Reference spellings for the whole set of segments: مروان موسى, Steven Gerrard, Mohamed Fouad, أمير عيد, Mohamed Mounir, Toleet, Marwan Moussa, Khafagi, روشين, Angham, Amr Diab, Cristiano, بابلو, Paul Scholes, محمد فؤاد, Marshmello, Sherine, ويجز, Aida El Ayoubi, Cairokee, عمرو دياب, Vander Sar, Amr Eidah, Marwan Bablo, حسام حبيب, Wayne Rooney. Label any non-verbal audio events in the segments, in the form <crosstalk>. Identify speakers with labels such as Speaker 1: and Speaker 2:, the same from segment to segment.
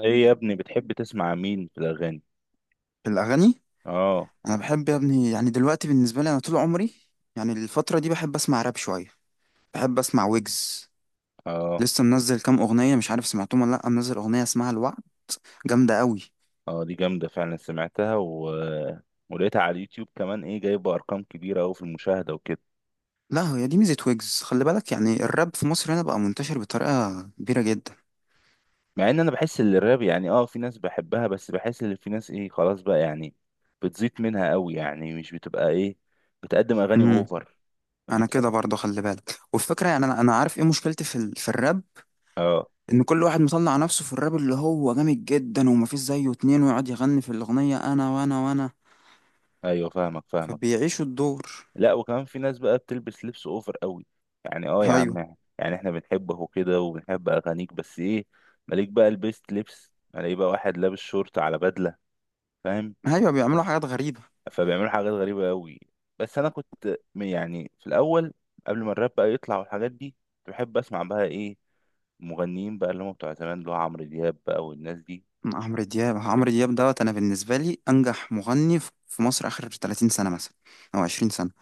Speaker 1: ايه يا ابني بتحب تسمع مين في الاغاني؟
Speaker 2: الأغاني.
Speaker 1: اه.
Speaker 2: أنا بحب يا ابني، يعني دلوقتي بالنسبة لي، أنا طول عمري يعني الفترة دي بحب أسمع راب شوية، بحب أسمع ويجز.
Speaker 1: اه
Speaker 2: لسه منزل كام أغنية، مش عارف سمعتهم ولا لأ، منزل أغنية اسمها الوعد، جامدة قوي.
Speaker 1: اه دي جامده فعلا سمعتها ولقيتها على اليوتيوب كمان، ايه جايبه ارقام كبيره قوي في المشاهده وكده.
Speaker 2: لا، هي دي ميزة ويجز، خلي بالك، يعني الراب في مصر هنا بقى منتشر بطريقة كبيرة جدا.
Speaker 1: مع ان انا بحس ان الراب يعني في ناس بحبها، بس بحس ان في ناس ايه، خلاص بقى يعني بتزيط منها قوي، يعني مش بتبقى ايه، بتقدم اغاني
Speaker 2: امم
Speaker 1: اوفر.
Speaker 2: أنا
Speaker 1: بتح...
Speaker 2: كده برضه، خلي بالك، والفكرة يعني أنا عارف إيه مشكلتي في الراب.
Speaker 1: اه.
Speaker 2: إن كل واحد مطلع نفسه في الراب اللي هو جامد جدا ومفيش زيه اتنين، ويقعد يغني في الأغنية أنا وأنا وأنا،
Speaker 1: ايوه فاهمك فاهمك.
Speaker 2: فبيعيشوا الدور.
Speaker 1: لا وكمان في ناس بقى بتلبس لبس اوفر قوي، يعني اه يا عم،
Speaker 2: ايوه،
Speaker 1: يعني احنا بنحبه وكده وبنحب اغانيك، بس ايه مالك بقى لبست لبس؟ الاقي بقى واحد لابس شورت على بدله، فاهم؟
Speaker 2: ايوه بيعملوا حاجات غريبه.
Speaker 1: فبيعملوا حاجات غريبه قوي. بس انا كنت يعني في الاول، قبل ما الراب بقى يطلع والحاجات دي، كنت بحب اسمع بقى ايه، مغنيين بقى اللي هم بتوع زمان، اللي هو عمرو دياب بقى والناس دي.
Speaker 2: عمرو دياب عمرو
Speaker 1: بت-
Speaker 2: دياب دوت، انا بالنسبه لي انجح مغني في مصر اخر 30 سنه مثلا، او 20 سنه.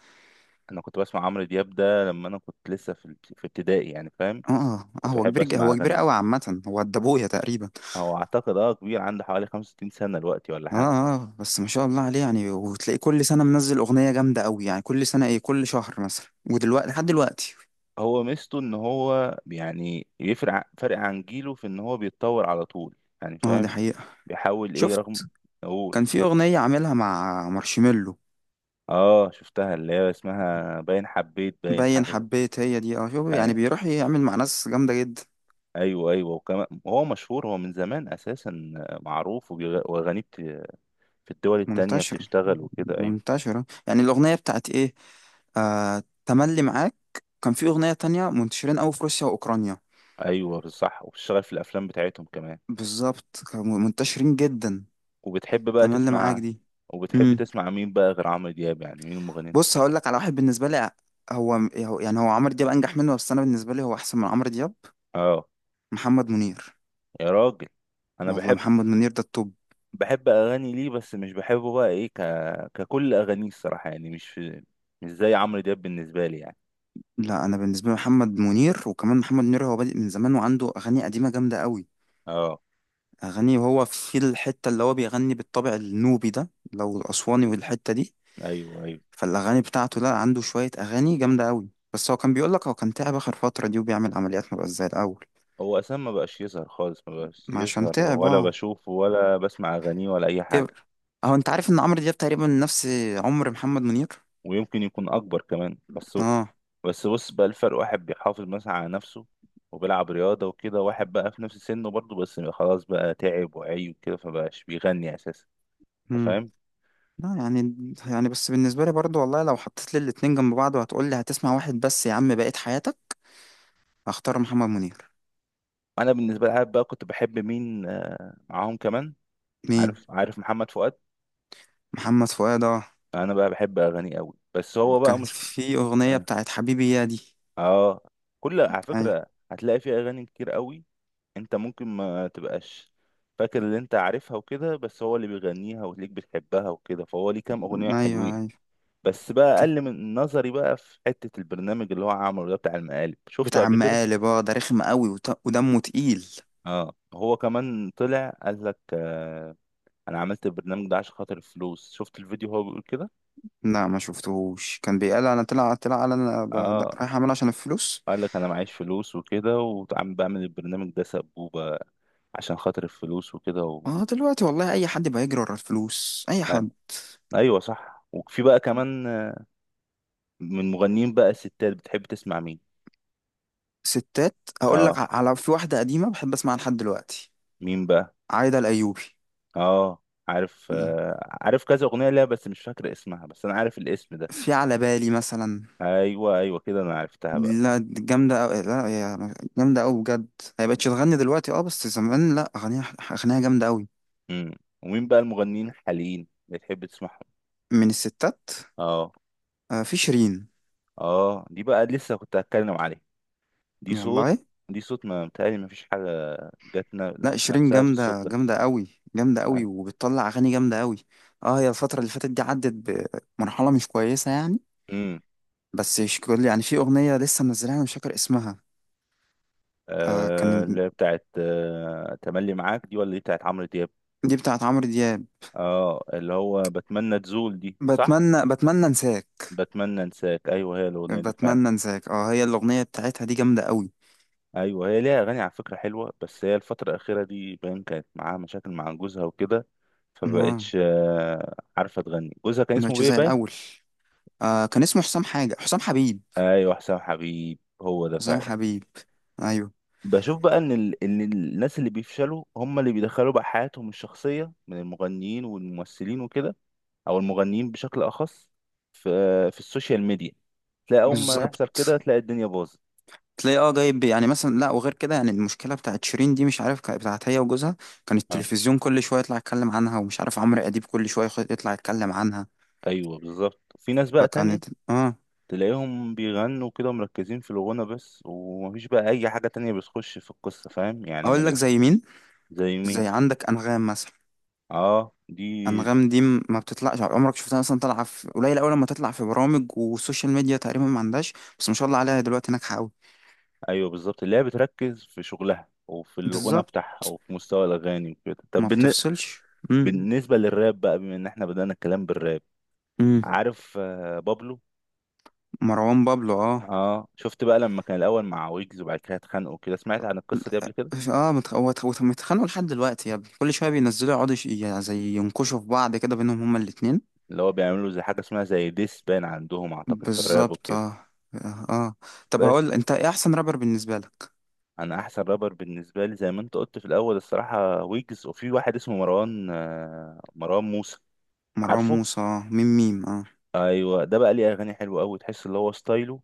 Speaker 1: انا كنت بسمع عمرو دياب ده لما انا كنت لسه في ابتدائي، يعني فاهم؟
Speaker 2: اه، اه
Speaker 1: كنت بحب اسمع
Speaker 2: هو كبير
Speaker 1: اغانيه.
Speaker 2: قوي، عامه هو قد ابويا تقريبا.
Speaker 1: هو اعتقد اه كبير، عنده حوالي 65 سنة دلوقتي ولا
Speaker 2: اه،
Speaker 1: حاجة.
Speaker 2: اه بس ما شاء الله عليه، يعني وتلاقيه كل سنه منزل اغنيه جامده قوي، يعني كل سنه، ايه، كل شهر مثلا، ودلوقتي لحد دلوقتي.
Speaker 1: هو ميزته ان هو يعني فرق عن جيله في ان هو بيتطور على طول، يعني
Speaker 2: اه دي
Speaker 1: فاهم؟
Speaker 2: حقيقه.
Speaker 1: بيحاول ايه رغم،
Speaker 2: شفت،
Speaker 1: اقول.
Speaker 2: كان في اغنيه عاملها مع مارشميلو،
Speaker 1: اه شفتها، اللي هي اسمها باين حبيت، باين
Speaker 2: باين
Speaker 1: حاجة
Speaker 2: حبيت، هي دي، اه شوف، يعني
Speaker 1: أي-
Speaker 2: بيروح يعمل مع ناس جامده جدا.
Speaker 1: ايوه ايوه، وكمان هو مشهور، هو من زمان اساسا معروف واغانيه في الدول التانية
Speaker 2: منتشرة،
Speaker 1: بتشتغل وكده. ايوه
Speaker 2: منتشرة، يعني الأغنية بتاعت إيه، آه، تملي معاك. كان في أغنية تانية منتشرين أوي في روسيا وأوكرانيا.
Speaker 1: ايوه بالصح، وبتشتغل في الافلام بتاعتهم كمان.
Speaker 2: بالظبط، كانوا منتشرين جدا.
Speaker 1: وبتحب بقى
Speaker 2: تملي معاك
Speaker 1: تسمع،
Speaker 2: دي.
Speaker 1: وبتحب
Speaker 2: امم
Speaker 1: تسمع مين بقى غير عمرو دياب؟ يعني مين المغني انت
Speaker 2: بص،
Speaker 1: بتحبه؟
Speaker 2: هقول لك على واحد. بالنسبة لي يعني هو عمرو دياب أنجح منه، بس أنا بالنسبة لي هو أحسن من عمرو دياب.
Speaker 1: اه.
Speaker 2: محمد منير.
Speaker 1: يا راجل، انا
Speaker 2: والله
Speaker 1: بحب،
Speaker 2: محمد منير ده التوب.
Speaker 1: بحب اغاني ليه، بس مش بحبه بقى ايه ككل اغانيه الصراحه، يعني مش مش زي عمرو دياب بالنسبه لي يعني.
Speaker 2: لا، أنا بالنسبة لي محمد منير، وكمان محمد منير هو بادئ من زمان وعنده أغاني قديمة جامدة أوي.
Speaker 1: اه.
Speaker 2: أغاني، وهو في الحتة اللي هو بيغني بالطابع النوبي ده، لو الأسواني والحتة دي،
Speaker 1: ايوه ايوه.
Speaker 2: فالأغاني بتاعته، لا عنده شوية أغاني جامدة أوي، بس هو كان بيقولك هو كان تعب آخر فترة دي، وبيعمل عمليات، مبقاش زي الأول.
Speaker 1: هو اساسا ما بقاش يظهر خالص، ما بقاش
Speaker 2: ما عشان
Speaker 1: يظهر
Speaker 2: تعب،
Speaker 1: ولا
Speaker 2: اه
Speaker 1: بشوفه ولا بسمع اغانيه ولا اي حاجه.
Speaker 2: كبر. أهو، أنت عارف إن عمرو دياب تقريبا نفس عمر محمد منير.
Speaker 1: ويمكن يكون اكبر كمان، بس
Speaker 2: اه.
Speaker 1: بس بص بقى الفرق، واحد بيحافظ مثلا على نفسه وبيلعب رياضة وكده، واحد بقى في نفس سنه برضه بس خلاص بقى تعب وعي وكده فبقاش بيغني أساسا. أنت
Speaker 2: مم.
Speaker 1: فاهم؟
Speaker 2: لا يعني، يعني بس بالنسبة لي برضو والله، لو حطيت لي الاتنين جنب بعض وهتقول لي هتسمع واحد بس يا عم بقيت حياتك، هختار محمد منير.
Speaker 1: أنا بالنسبة لي، عارف بقى كنت بحب مين آه، معاهم كمان؟
Speaker 2: مين؟
Speaker 1: عارف؟ عارف محمد فؤاد؟
Speaker 2: محمد فؤاد، اه.
Speaker 1: أنا بقى بحب أغانيه أوي، بس هو بقى
Speaker 2: كان
Speaker 1: مش
Speaker 2: في أغنية
Speaker 1: آه.
Speaker 2: بتاعت حبيبي يا دي.
Speaker 1: آه. كل على
Speaker 2: ايوه.
Speaker 1: فكرة هتلاقي فيه أغاني كتير أوي. أنت ممكن ما تبقاش فاكر اللي أنت عارفها وكده، بس هو اللي بيغنيها وتلاقيك بتحبها وكده، فهو ليه كام أغنية
Speaker 2: ايوه،
Speaker 1: حلوين.
Speaker 2: ايوه
Speaker 1: بس بقى اقل من نظري بقى في حتة البرنامج اللي هو عمله ده، بتاع المقالب، شفته
Speaker 2: بتاع
Speaker 1: قبل كده؟
Speaker 2: مقالب، اه ده رخم قوي ودمه تقيل.
Speaker 1: اه هو كمان طلع قال لك آه، انا عملت البرنامج ده عشان خاطر الفلوس. شفت الفيديو هو بيقول كده؟
Speaker 2: لا ما شفتهوش، كان بيقال انا طلع، طلع قال
Speaker 1: اه،
Speaker 2: رايح اعمل عشان الفلوس.
Speaker 1: قال لك انا معيش فلوس وكده، وعم بعمل البرنامج ده سبوبة عشان خاطر الفلوس وكده.
Speaker 2: اه دلوقتي والله اي حد بيجري ورا الفلوس، اي
Speaker 1: آه.
Speaker 2: حد.
Speaker 1: ايوه صح. وفي بقى كمان آه، من مغنيين بقى ستات، بتحب تسمع مين؟
Speaker 2: ستات، هقول لك
Speaker 1: اه.
Speaker 2: على في واحده قديمه بحب اسمعها لحد دلوقتي.
Speaker 1: مين بقى؟
Speaker 2: عايده الايوبي.
Speaker 1: اه عارف، آه عارف كذا اغنية ليها بس مش فاكر اسمها، بس انا عارف الاسم ده.
Speaker 2: في على بالي مثلا.
Speaker 1: ايوه ايوه كده انا عرفتها بقى.
Speaker 2: لا دي جامده أوي، لا هي جامده أوي بجد. هي بقتش تغني دلوقتي اه، بس زمان لا اغانيها، اغانيها جامده أوي.
Speaker 1: امم. ومين بقى المغنيين الحاليين اللي تحب تسمعهم؟
Speaker 2: من الستات
Speaker 1: اه.
Speaker 2: آه، في شيرين.
Speaker 1: اه دي بقى لسه كنت هتكلم عليها. دي صوت،
Speaker 2: والله،
Speaker 1: دي صوت ما متهيألي ما فيش حاجة جت
Speaker 2: لا شيرين
Speaker 1: نفسها في الصوت
Speaker 2: جامدة،
Speaker 1: ده.
Speaker 2: جامدة قوي. جامدة قوي وبتطلع أغاني جامدة قوي. اه هي الفترة اللي فاتت دي عدت بمرحلة مش كويسة يعني.
Speaker 1: امم.
Speaker 2: بس شكل يعني، في أغنية لسه منزلها أنا مش فاكر اسمها. آه
Speaker 1: آه
Speaker 2: كان،
Speaker 1: اللي هي بتاعت آه تملي معاك دي، ولا دي بتاعت عمرو دياب؟
Speaker 2: دي بتاعت عمرو دياب.
Speaker 1: اه اللي هو بتمنى تزول دي، صح؟
Speaker 2: بتمنى، بتمنى انساك.
Speaker 1: بتمنى انساك، ايوه هي الاغنية دي فعلا.
Speaker 2: بتمنى انساك اه، هي الأغنية بتاعتها دي جامدة قوي.
Speaker 1: ايوه هي ليها اغاني على فكرة حلوة، بس هي الفترة الأخيرة دي باين كانت معاها مشاكل مع جوزها وكده
Speaker 2: اه،
Speaker 1: فبقتش آه، عارفه تغني. جوزها كان اسمه
Speaker 2: مبقتش
Speaker 1: بيه
Speaker 2: زي
Speaker 1: باين.
Speaker 2: الأول. آه، كان اسمه حسام، حاجة حسام حبيب.
Speaker 1: ايوه حسام حبيب هو ده
Speaker 2: حسام
Speaker 1: فعلا.
Speaker 2: حبيب، أيوه.
Speaker 1: بشوف بقى ان ان الناس اللي بيفشلوا هم اللي بيدخلوا بقى حياتهم الشخصيه، من المغنيين والممثلين وكده، او المغنيين بشكل اخص، في في السوشيال ميديا، تلاقي اول ما يحصل كده
Speaker 2: بالظبط،
Speaker 1: تلاقي الدنيا باظت.
Speaker 2: تلاقي اه جايب، يعني مثلا، لا وغير كده يعني، المشكله بتاعت شيرين دي، مش عارف كانت بتاعت هي وجوزها، كان
Speaker 1: آه.
Speaker 2: التلفزيون كل شويه يطلع يتكلم عنها، ومش عارف عمرو اديب كل شويه يطلع يتكلم عنها.
Speaker 1: ايوه بالظبط. في ناس بقى تانية
Speaker 2: فكانت، اه.
Speaker 1: تلاقيهم بيغنوا كده مركزين في الغنى بس، ومفيش بقى اي حاجه تانية بتخش في القصه، فاهم يعني؟ ما
Speaker 2: اقول لك
Speaker 1: بيدخل.
Speaker 2: زي مين،
Speaker 1: زي مين؟
Speaker 2: زي عندك انغام مثلا.
Speaker 1: اه دي
Speaker 2: انغام دي ما بتطلعش، عمرك شفتها مثلا طالعه في قليل، اول لما تطلع في برامج والسوشيال ميديا تقريبا ما عندهاش، بس ما شاء الله عليها دلوقتي ناجحه قوي.
Speaker 1: ايوه بالظبط اللي هي بتركز في شغلها وفي الغنى
Speaker 2: بالظبط،
Speaker 1: بتاعها وفي مستوى الاغاني وكده. طب
Speaker 2: ما بتفصلش. امم
Speaker 1: بالنسبه للراب بقى، بما ان احنا بدانا الكلام بالراب،
Speaker 2: امم
Speaker 1: عارف آه، بابلو؟
Speaker 2: مروان بابلو، اه.
Speaker 1: اه شفت بقى لما كان الاول مع ويجز وبعد كده اتخانقوا كده؟ سمعت عن القصه دي قبل كده؟
Speaker 2: اه هو متخانقوا لحد دلوقتي يا ابني، كل شويه بينزلوا يقعدوا يعني زي ينكشوا في بعض كده بينهم هما الاتنين.
Speaker 1: اللي هو بيعملوا زي حاجه اسمها زي ديس بان عندهم اعتقد في الراب
Speaker 2: بالظبط
Speaker 1: وكده.
Speaker 2: اه. اه، طب
Speaker 1: بس
Speaker 2: هقول، انت ايه احسن رابر بالنسبه لك؟
Speaker 1: انا احسن رابر بالنسبه لي، زي ما انت قلت في الاول الصراحه، ويجز، وفي واحد اسمه مروان آه، مروان موسى.
Speaker 2: مروان
Speaker 1: عارفه؟
Speaker 2: موسى، آه. ميم ميم، اه،
Speaker 1: ايوه ده بقى ليه اغاني حلوه قوي، تحس اللي هو ستايله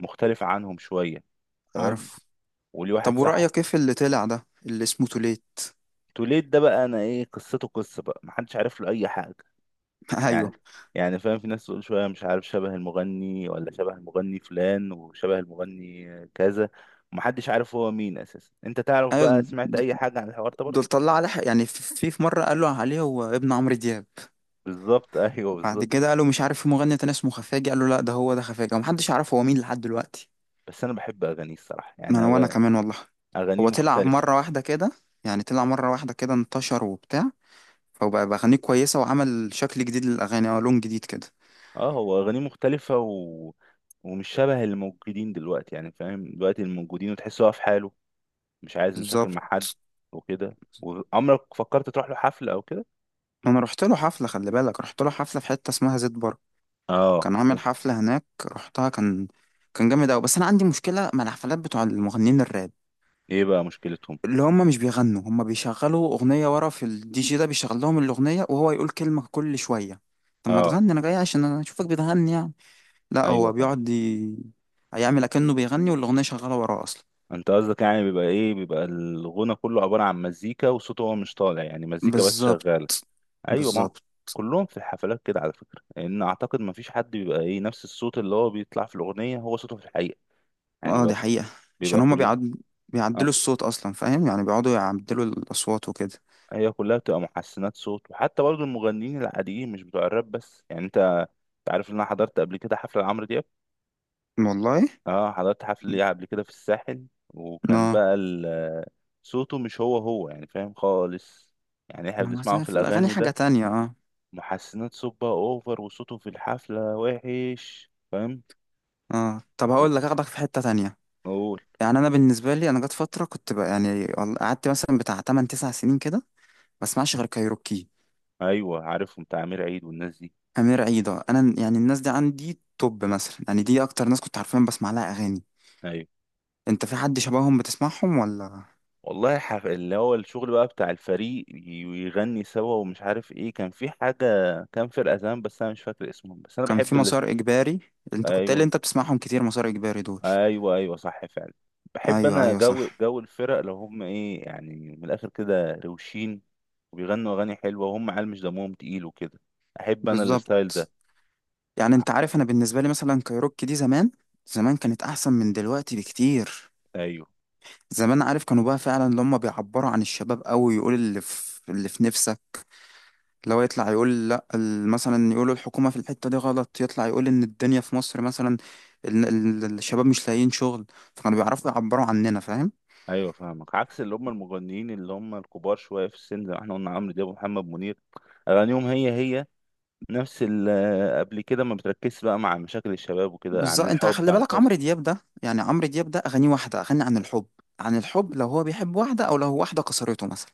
Speaker 1: مختلف عنهم شويه، تمام.
Speaker 2: عارف.
Speaker 1: وليه
Speaker 2: طب
Speaker 1: واحد صاحبي.
Speaker 2: ورأيك ايه في اللي طلع ده اللي اسمه توليت؟
Speaker 1: توليد ده بقى انا ايه قصته؟ قصه بقى محدش عارف له اي حاجه
Speaker 2: <laughs>
Speaker 1: يعني،
Speaker 2: ايوه.
Speaker 1: يعني فاهم؟ في ناس تقول شويه مش عارف شبه المغني ولا شبه المغني فلان وشبه المغني كذا. محدش عارف هو مين اساسا. انت تعرف
Speaker 2: ايوه،
Speaker 1: بقى، سمعت اي حاجه عن الحوار ده
Speaker 2: دول
Speaker 1: برضه؟
Speaker 2: طلع عليه يعني في مره قالوا عليه هو ابن عمرو دياب.
Speaker 1: بالظبط. <laughs> ايوه
Speaker 2: بعد
Speaker 1: بالظبط.
Speaker 2: كده قالوا مش عارف في مغني تاني اسمه خفاجي، قالوا لا ده هو ده خفاجي، ومحدش عارف هو مين لحد دلوقتي.
Speaker 1: بس انا بحب اغانيه الصراحه،
Speaker 2: ما انا، وانا كمان والله،
Speaker 1: اغانيه
Speaker 2: هو طلع
Speaker 1: مختلفه.
Speaker 2: مرة واحدة كده، يعني طلع مرة واحدة كده انتشر وبتاع، فبقى بأغانيه كويسة وعمل شكل جديد للأغاني، اه لون جديد كده.
Speaker 1: اه هو اغانيه مختلفه ومش شبه الموجودين دلوقتي، يعني فاهم دلوقتي الموجودين؟ وتحس هو في حاله، مش عايز مشاكل
Speaker 2: بالظبط،
Speaker 1: مع حد وكده. وعمرك فكرت تروح له حفلة او كده؟
Speaker 2: أنا رحت له حفلة، خلي بالك رحت له حفلة في حتة اسمها زيت بر،
Speaker 1: اه.
Speaker 2: كان عامل حفلة هناك رحتها، كان، كان جامد أوي، بس أنا عندي مشكلة مع الحفلات بتوع المغنيين الراب،
Speaker 1: ايه بقى مشكلتهم؟
Speaker 2: اللي هم مش بيغنوا، هم بيشغلوا أغنية ورا، في الدي جي ده بيشغل لهم الأغنية وهو يقول كلمة كل شوية، طب ما
Speaker 1: اه.
Speaker 2: تغني، أنا جاي عشان أنا أشوفك بتغني يعني. لا
Speaker 1: ايوه
Speaker 2: هو
Speaker 1: فاهم.
Speaker 2: بيقعد ي... هيعمل اكنه بيغني والاغنيه شغاله وراه اصلا.
Speaker 1: انت قصدك يعني بيبقى ايه، بيبقى الغنى كله عبارة عن مزيكا وصوته هو مش طالع، يعني مزيكا بس
Speaker 2: بالظبط،
Speaker 1: شغالة. ايوه ما
Speaker 2: بالظبط.
Speaker 1: كلهم في الحفلات كده على فكرة، لان اعتقد ما فيش حد بيبقى ايه، نفس الصوت اللي هو بيطلع في الاغنية هو صوته في الحقيقة. يعني
Speaker 2: اه
Speaker 1: بيبقى،
Speaker 2: دي حقيقه،
Speaker 1: بيبقى
Speaker 2: عشان هما
Speaker 1: كلها
Speaker 2: بيعدلوا
Speaker 1: اه،
Speaker 2: الصوت اصلا، فاهم يعني، بيقعدوا يعدلوا الاصوات وكده.
Speaker 1: هي كلها بتبقى محسنات صوت. وحتى برضو المغنيين العاديين، مش بتوع الراب بس، يعني انت عارف ان انا حضرت قبل كده حفلة لعمرو دياب؟
Speaker 2: والله،
Speaker 1: اه حضرت حفل ليه قبل كده في الساحل، وكان
Speaker 2: اه
Speaker 1: بقى صوته مش هو هو، يعني فاهم خالص؟ يعني احنا
Speaker 2: ما بس
Speaker 1: بنسمعه في
Speaker 2: في الاغاني
Speaker 1: الاغاني
Speaker 2: حاجه
Speaker 1: ده
Speaker 2: تانية، اه.
Speaker 1: محسنات صبة اوفر، وصوته في الحفلة وحش، فاهم؟
Speaker 2: اه طب هقول لك، اخدك في حته تانية.
Speaker 1: اقول.
Speaker 2: يعني انا بالنسبه لي، انا جت فتره كنت بقى يعني قعدت مثلا بتاع 8 9 سنين كده ما اسمعش غير كايروكي.
Speaker 1: ايوه عارفهم بتاع امير عيد والناس دي.
Speaker 2: امير عيده، انا يعني الناس دي عندي توب مثلا، يعني دي اكتر ناس كنت عارفين بسمع لها اغاني.
Speaker 1: ايوه
Speaker 2: انت في حد شبههم بتسمعهم ولا؟
Speaker 1: والله اللي هو الشغل بقى بتاع الفريق، ويغني سوا ومش عارف ايه، كان في حاجة كان فرقة زمان بس انا مش فاكر اسمهم، بس انا
Speaker 2: كان
Speaker 1: بحب
Speaker 2: في
Speaker 1: اللي.
Speaker 2: مسار اجباري، انت كنت قايل
Speaker 1: ايوه.
Speaker 2: انت بتسمعهم كتير، مسار اجباري دول.
Speaker 1: ايوه ايوه صح فعلا. بحب
Speaker 2: ايوه،
Speaker 1: انا
Speaker 2: ايوه
Speaker 1: جو،
Speaker 2: صح.
Speaker 1: جو الفرق لو هم ايه يعني، من الاخر كده روشين وبيغنوا اغاني حلوه وهم عيال مش دمهم تقيل وكده، احب انا الستايل
Speaker 2: بالظبط،
Speaker 1: ده.
Speaker 2: يعني انت عارف، انا بالنسبه لي مثلا كايروكي دي زمان، زمان كانت احسن من دلوقتي بكتير.
Speaker 1: ايوه
Speaker 2: زمان، عارف، كانوا بقى فعلا اللي هم بيعبروا عن الشباب قوي، يقول اللي في، اللي في نفسك، لو يطلع يقول لا، مثلا يقولوا الحكومه في الحته دي غلط، يطلع يقول ان الدنيا في مصر مثلا، ال- الشباب مش لاقيين شغل، فكانوا بيعرفوا يعبروا عننا فاهم.
Speaker 1: ايوه فاهمك، عكس اللي هم المغنيين اللي هم الكبار شويه في السن زي ما احنا قلنا، عمرو دياب ومحمد منير، اغانيهم هي هي نفس آه، قبل كده ما بتركزش بقى مع مشاكل الشباب وكده، عن
Speaker 2: بالظبط، انت
Speaker 1: الحب
Speaker 2: خلي
Speaker 1: عن
Speaker 2: بالك
Speaker 1: الحزن.
Speaker 2: عمرو دياب ده، يعني عمرو دياب ده اغانيه واحده، اغاني عن الحب، عن الحب لو هو بيحب واحده، او لو هو واحده كسرته مثلا،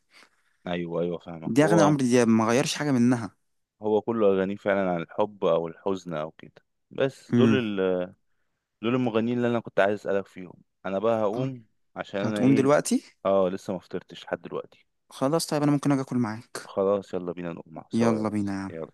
Speaker 1: ايوه ايوه فاهمك.
Speaker 2: دي اغاني
Speaker 1: هو
Speaker 2: عمرو دياب ما غيرش حاجه منها.
Speaker 1: هو كله اغانيه فعلا عن الحب او الحزن او كده. بس دول،
Speaker 2: امم،
Speaker 1: دول المغنيين اللي انا كنت عايز اسالك فيهم. انا بقى هقوم عشان انا
Speaker 2: هتقوم
Speaker 1: ايه.
Speaker 2: دلوقتي؟
Speaker 1: اه لسه ما فطرتش لحد دلوقتي.
Speaker 2: خلاص طيب، انا ممكن اجي اكل معاك.
Speaker 1: خلاص يلا بينا نقوم سوا يا
Speaker 2: يلا بينا
Speaker 1: ريس،
Speaker 2: يا عم.
Speaker 1: يلا.